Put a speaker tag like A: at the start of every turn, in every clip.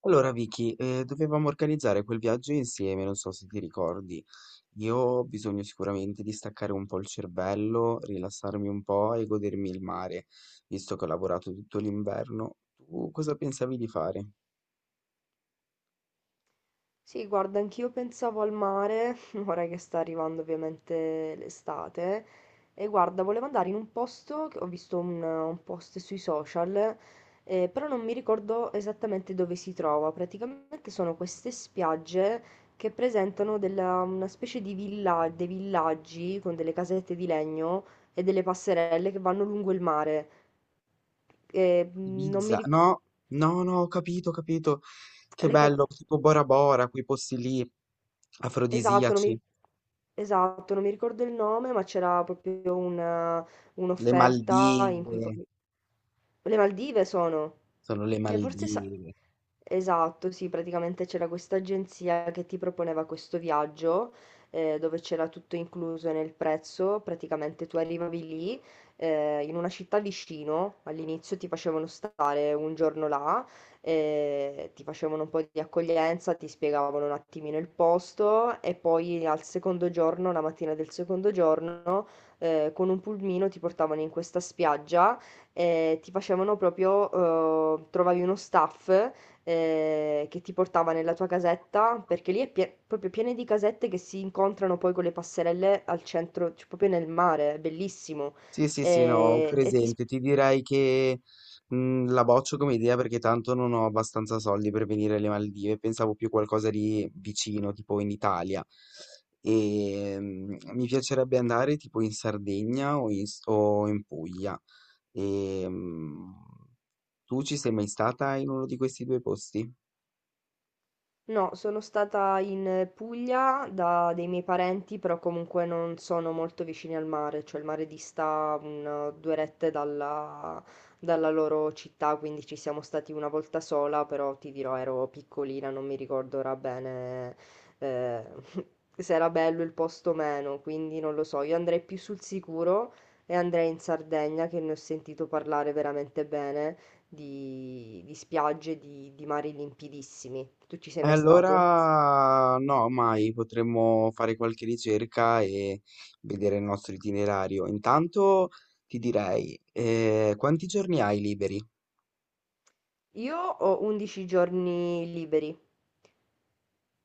A: Allora Vicky, dovevamo organizzare quel viaggio insieme, non so se ti ricordi. Io ho bisogno sicuramente di staccare un po' il cervello, rilassarmi un po' e godermi il mare, visto che ho lavorato tutto l'inverno. Tu cosa pensavi di fare?
B: Sì, guarda, anch'io pensavo al mare, ora che sta arrivando ovviamente l'estate, e guarda, volevo andare in un posto, che ho visto un post sui social, però non mi ricordo esattamente dove si trova. Praticamente sono queste spiagge che presentano una specie di villa, dei villaggi con delle casette di legno e delle passerelle che vanno lungo il mare. Non mi
A: Ibiza? No, no, no, ho capito, ho capito. Che
B: ricordo...
A: bello, tipo Bora Bora, quei posti lì,
B: Esatto, non mi,
A: afrodisiaci.
B: ri- esatto, non mi ricordo il nome, ma c'era
A: Le
B: un'offerta in cui
A: Maldive,
B: proprio... Le Maldive sono.
A: sono le
B: E forse sa-
A: Maldive.
B: Esatto, sì, praticamente c'era questa agenzia che ti proponeva questo viaggio, dove c'era tutto incluso nel prezzo, praticamente tu arrivavi lì, in una città vicino, all'inizio ti facevano stare un giorno là, ti facevano un po' di accoglienza, ti spiegavano un attimino il posto e poi al secondo giorno, la mattina del secondo giorno, con un pulmino ti portavano in questa spiaggia e ti facevano proprio, trovavi uno staff che ti portava nella tua casetta, perché lì è proprio piena di casette che si incontrano poi con le passerelle al centro, cioè proprio nel mare, è bellissimo.
A: Sì, sì, sì, no, ho
B: E, ti
A: presente. Ti direi che la boccio come idea perché tanto non ho abbastanza soldi per venire alle Maldive. Pensavo più qualcosa di vicino, tipo in Italia. E mi piacerebbe andare tipo in Sardegna o in, o in Puglia. E, tu ci sei mai stata in uno di questi due posti?
B: No, sono stata in Puglia da dei miei parenti, però comunque non sono molto vicini al mare, cioè il mare dista due rette dalla loro città, quindi ci siamo stati una volta sola, però ti dirò ero piccolina, non mi ricordo ora bene, eh, se era bello il posto o meno, quindi non lo so, io andrei più sul sicuro e andrei in Sardegna che ne ho sentito parlare veramente bene di spiagge, di mari limpidissimi. Tu ci sei mai stato?
A: Allora no, mai. Potremmo fare qualche ricerca e vedere il nostro itinerario. Intanto ti direi, quanti giorni hai liberi?
B: Io ho 11 giorni liberi,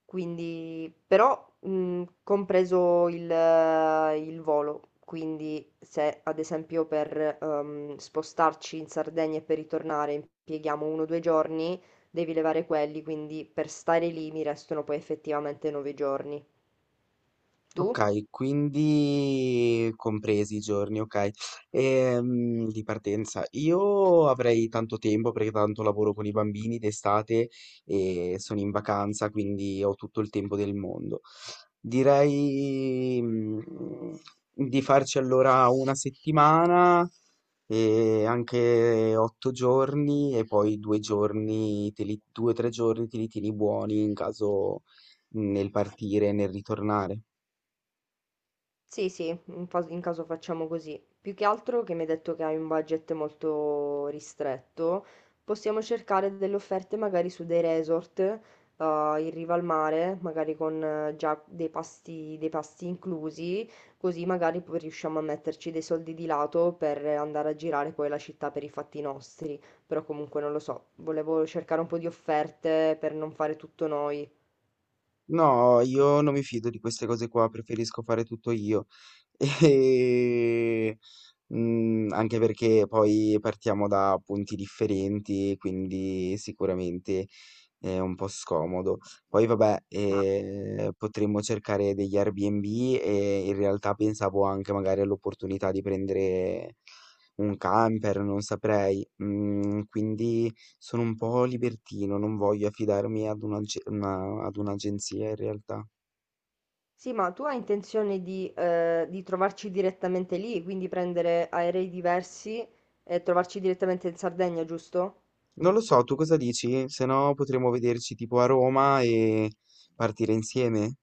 B: quindi però compreso il volo, quindi se ad esempio per spostarci in Sardegna e per ritornare impieghiamo uno o due giorni, devi levare quelli, quindi per stare lì mi restano poi effettivamente 9 giorni. Tu?
A: Okay, quindi compresi i giorni, okay. Di partenza, io avrei tanto tempo perché tanto lavoro con i bambini d'estate e sono in vacanza, quindi ho tutto il tempo del mondo. Direi, di farci allora una settimana e anche 8 giorni e poi 2 o 3 giorni te li tieni buoni in caso, nel partire e nel ritornare.
B: Sì, sì, in caso facciamo così. Più che altro che mi hai detto che hai un budget molto ristretto, possiamo cercare delle offerte magari su dei resort in riva al mare, magari con già dei pasti inclusi, così magari poi riusciamo a metterci dei soldi di lato per andare a girare poi la città per i fatti nostri. Però comunque non lo so, volevo cercare un po' di offerte per non fare tutto noi.
A: No, io non mi fido di queste cose qua, preferisco fare tutto io. E, anche perché poi partiamo da punti differenti, quindi sicuramente è un po' scomodo. Poi vabbè,
B: Ma
A: potremmo cercare degli Airbnb e in realtà pensavo anche magari all'opportunità di prendere un camper, non saprei. Quindi sono un po' libertino, non voglio affidarmi ad un'agenzia in realtà.
B: sì, ma tu hai intenzione di trovarci direttamente lì, quindi prendere aerei diversi e trovarci direttamente in Sardegna, giusto?
A: Non lo so, tu cosa dici? Se no potremmo vederci tipo a Roma e partire insieme.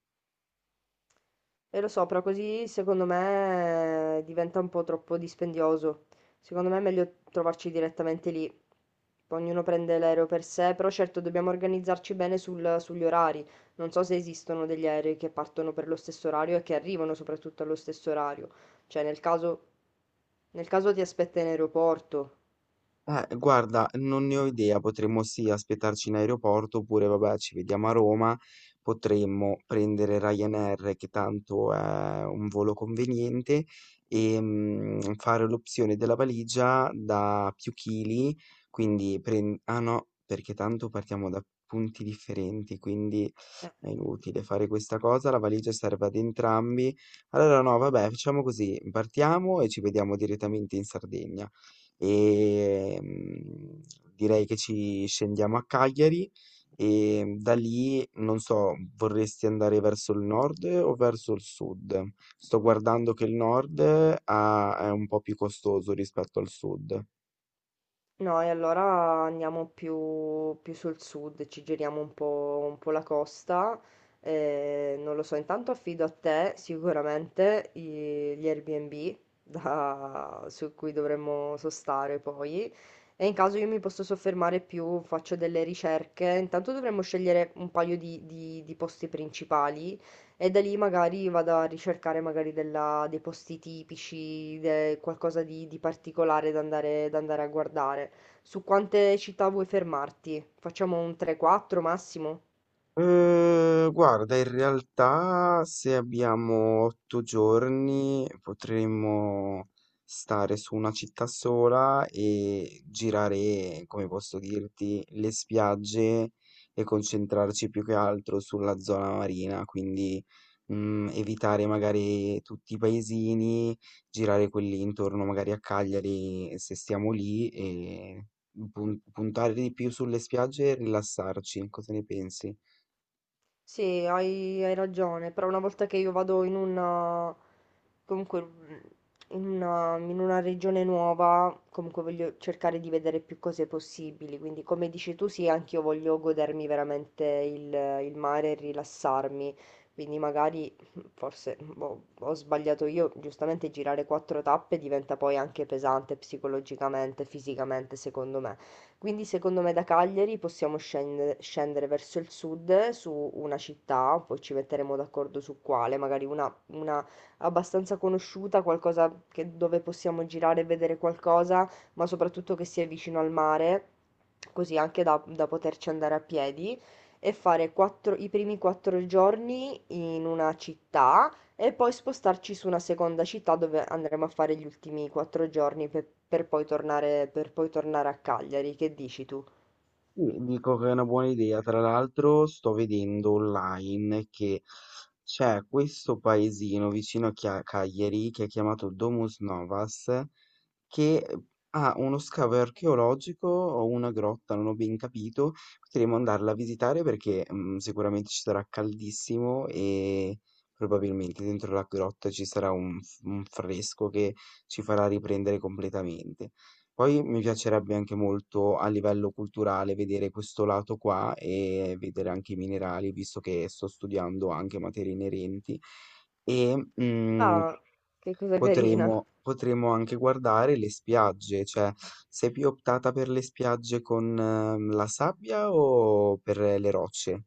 B: E lo so, però così secondo me diventa un po' troppo dispendioso. Secondo me è meglio trovarci direttamente lì. Poi ognuno prende l'aereo per sé, però certo dobbiamo organizzarci bene sugli orari. Non so se esistono degli aerei che partono per lo stesso orario e che arrivano soprattutto allo stesso orario. Cioè, nel caso ti aspetta in aeroporto.
A: Guarda, non ne ho idea, potremmo sì aspettarci in aeroporto oppure vabbè ci vediamo a Roma, potremmo prendere Ryanair che tanto è un volo conveniente e fare l'opzione della valigia da più chili, quindi ah no, perché tanto partiamo da punti differenti, quindi è inutile fare questa cosa, la valigia serve ad entrambi. Allora no, vabbè, facciamo così, partiamo e ci vediamo direttamente in Sardegna. Ehm, Direi che ci scendiamo a Cagliari e da lì, non so, vorresti andare verso il nord o verso il sud? Sto guardando che il nord è un po' più costoso rispetto al sud.
B: No, e allora andiamo più sul sud, ci giriamo un po' la costa. Eh, non lo so, intanto affido a te sicuramente gli Airbnb su cui dovremmo sostare poi. E in caso io mi posso soffermare più, faccio delle ricerche. Intanto dovremmo scegliere un paio di posti principali e da lì magari vado a ricercare dei posti tipici, qualcosa di particolare da andare a guardare. Su quante città vuoi fermarti? Facciamo un 3-4 massimo?
A: Guarda, in realtà se abbiamo 8 giorni potremmo stare su una città sola e girare, come posso dirti, le spiagge e concentrarci più che altro sulla zona marina, quindi, evitare magari tutti i paesini, girare quelli intorno magari a Cagliari se stiamo lì e puntare di più sulle spiagge e rilassarci. Cosa ne pensi?
B: Sì, hai ragione, però una volta che io vado in una... comunque in una regione nuova, comunque voglio cercare di vedere più cose possibili, quindi come dici tu sì, anch'io voglio godermi veramente il mare e rilassarmi, quindi magari forse boh, ho sbagliato io, giustamente girare quattro tappe diventa poi anche pesante psicologicamente, fisicamente, secondo me. Quindi secondo me da Cagliari possiamo scendere verso il sud su una città, poi ci metteremo d'accordo su quale, magari una abbastanza conosciuta, qualcosa dove possiamo girare e vedere qualcosa, ma soprattutto che sia vicino al mare, così anche da poterci andare a piedi e fare i primi quattro giorni in una città e poi spostarci su una seconda città dove andremo a fare gli ultimi quattro giorni per poi tornare a Cagliari. Che dici tu?
A: Sì, dico che è una buona idea. Tra l'altro sto vedendo online che c'è questo paesino vicino a Cagliari che è chiamato Domus Novas che, ha uno scavo archeologico o una grotta, non ho ben capito, potremmo andarla a visitare perché, sicuramente ci sarà caldissimo e probabilmente dentro la grotta ci sarà un fresco che ci farà riprendere completamente. Poi mi piacerebbe anche molto a livello culturale vedere questo lato qua e vedere anche i minerali, visto che sto studiando anche materie inerenti e, mhmm
B: Ah, che cosa carina.
A: potremo anche guardare le spiagge, cioè sei più optata per le spiagge con la sabbia o per le rocce?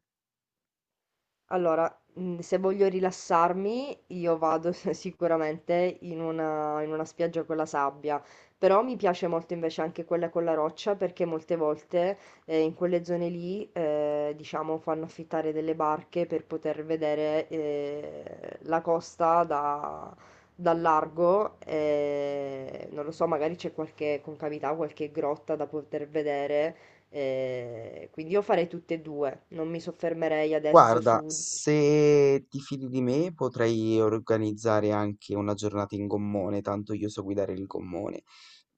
B: Allora, mhmm, se voglio rilassarmi io vado sicuramente in una spiaggia con la sabbia, però mi piace molto invece anche quella con la roccia perché molte volte, in quelle zone lì, diciamo fanno affittare delle barche per poter vedere, la costa da dal largo, non lo so, magari c'è qualche concavità, qualche grotta da poter vedere, quindi io farei tutte e due, non mi soffermerei adesso
A: Guarda,
B: su...
A: se ti fidi di me potrei organizzare anche una giornata in gommone, tanto io so guidare il gommone.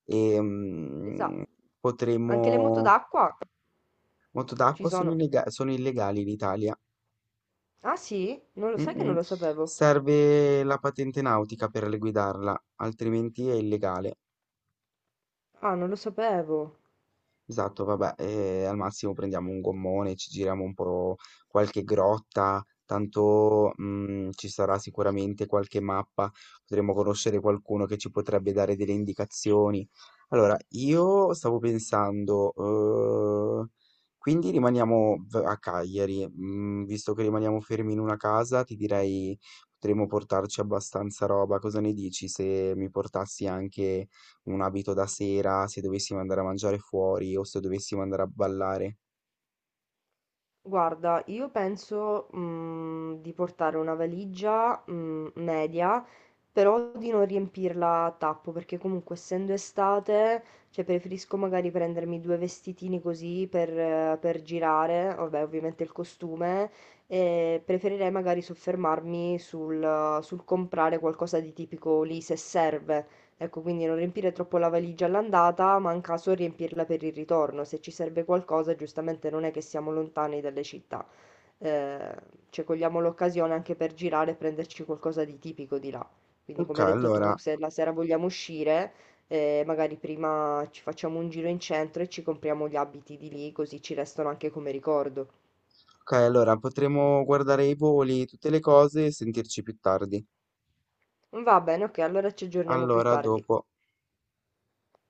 A: E,
B: Esatto, anche le moto
A: potremmo...
B: d'acqua
A: Moto
B: ci
A: d'acqua sono,
B: sono.
A: illega- sono illegali in Italia.
B: Ah sì? Non lo sai
A: Mm,
B: che
A: mm.
B: non lo sapevo.
A: Serve la patente nautica per guidarla, altrimenti è illegale.
B: Ah, non lo sapevo.
A: Esatto, vabbè, e al massimo prendiamo un gommone, ci giriamo un po' qualche grotta, tanto ci sarà sicuramente qualche mappa, potremo conoscere qualcuno che ci potrebbe dare delle indicazioni. Allora, io stavo pensando, eh, quindi rimaniamo a Cagliari, visto che rimaniamo fermi in una casa, ti direi potremmo portarci abbastanza roba, cosa ne dici se mi portassi anche un abito da sera, se dovessimo andare a mangiare fuori o se dovessimo andare a ballare.
B: Guarda, io penso, mhmm, di portare una valigia, mhmm, media, però di non riempirla a tappo, perché comunque essendo estate, cioè preferisco magari prendermi 2 vestitini così per girare, vabbè ovviamente il costume, e preferirei magari soffermarmi sul comprare qualcosa di tipico lì se serve. Ecco, quindi non riempire troppo la valigia all'andata, ma in caso riempirla per il ritorno. Se ci serve qualcosa, giustamente non è che siamo lontani dalle città. Eh, cioè, cogliamo l'occasione anche per girare e prenderci qualcosa di tipico di là. Quindi,
A: Ok,
B: come hai detto tu,
A: allora,
B: se la sera vogliamo uscire, magari prima ci facciamo un giro in centro e ci compriamo gli abiti di lì, così ci restano anche come ricordo.
A: ok, allora, potremo guardare i voli, tutte le cose e sentirci più tardi.
B: Va bene, ok, allora ci aggiorniamo più
A: Allora,
B: tardi.
A: dopo.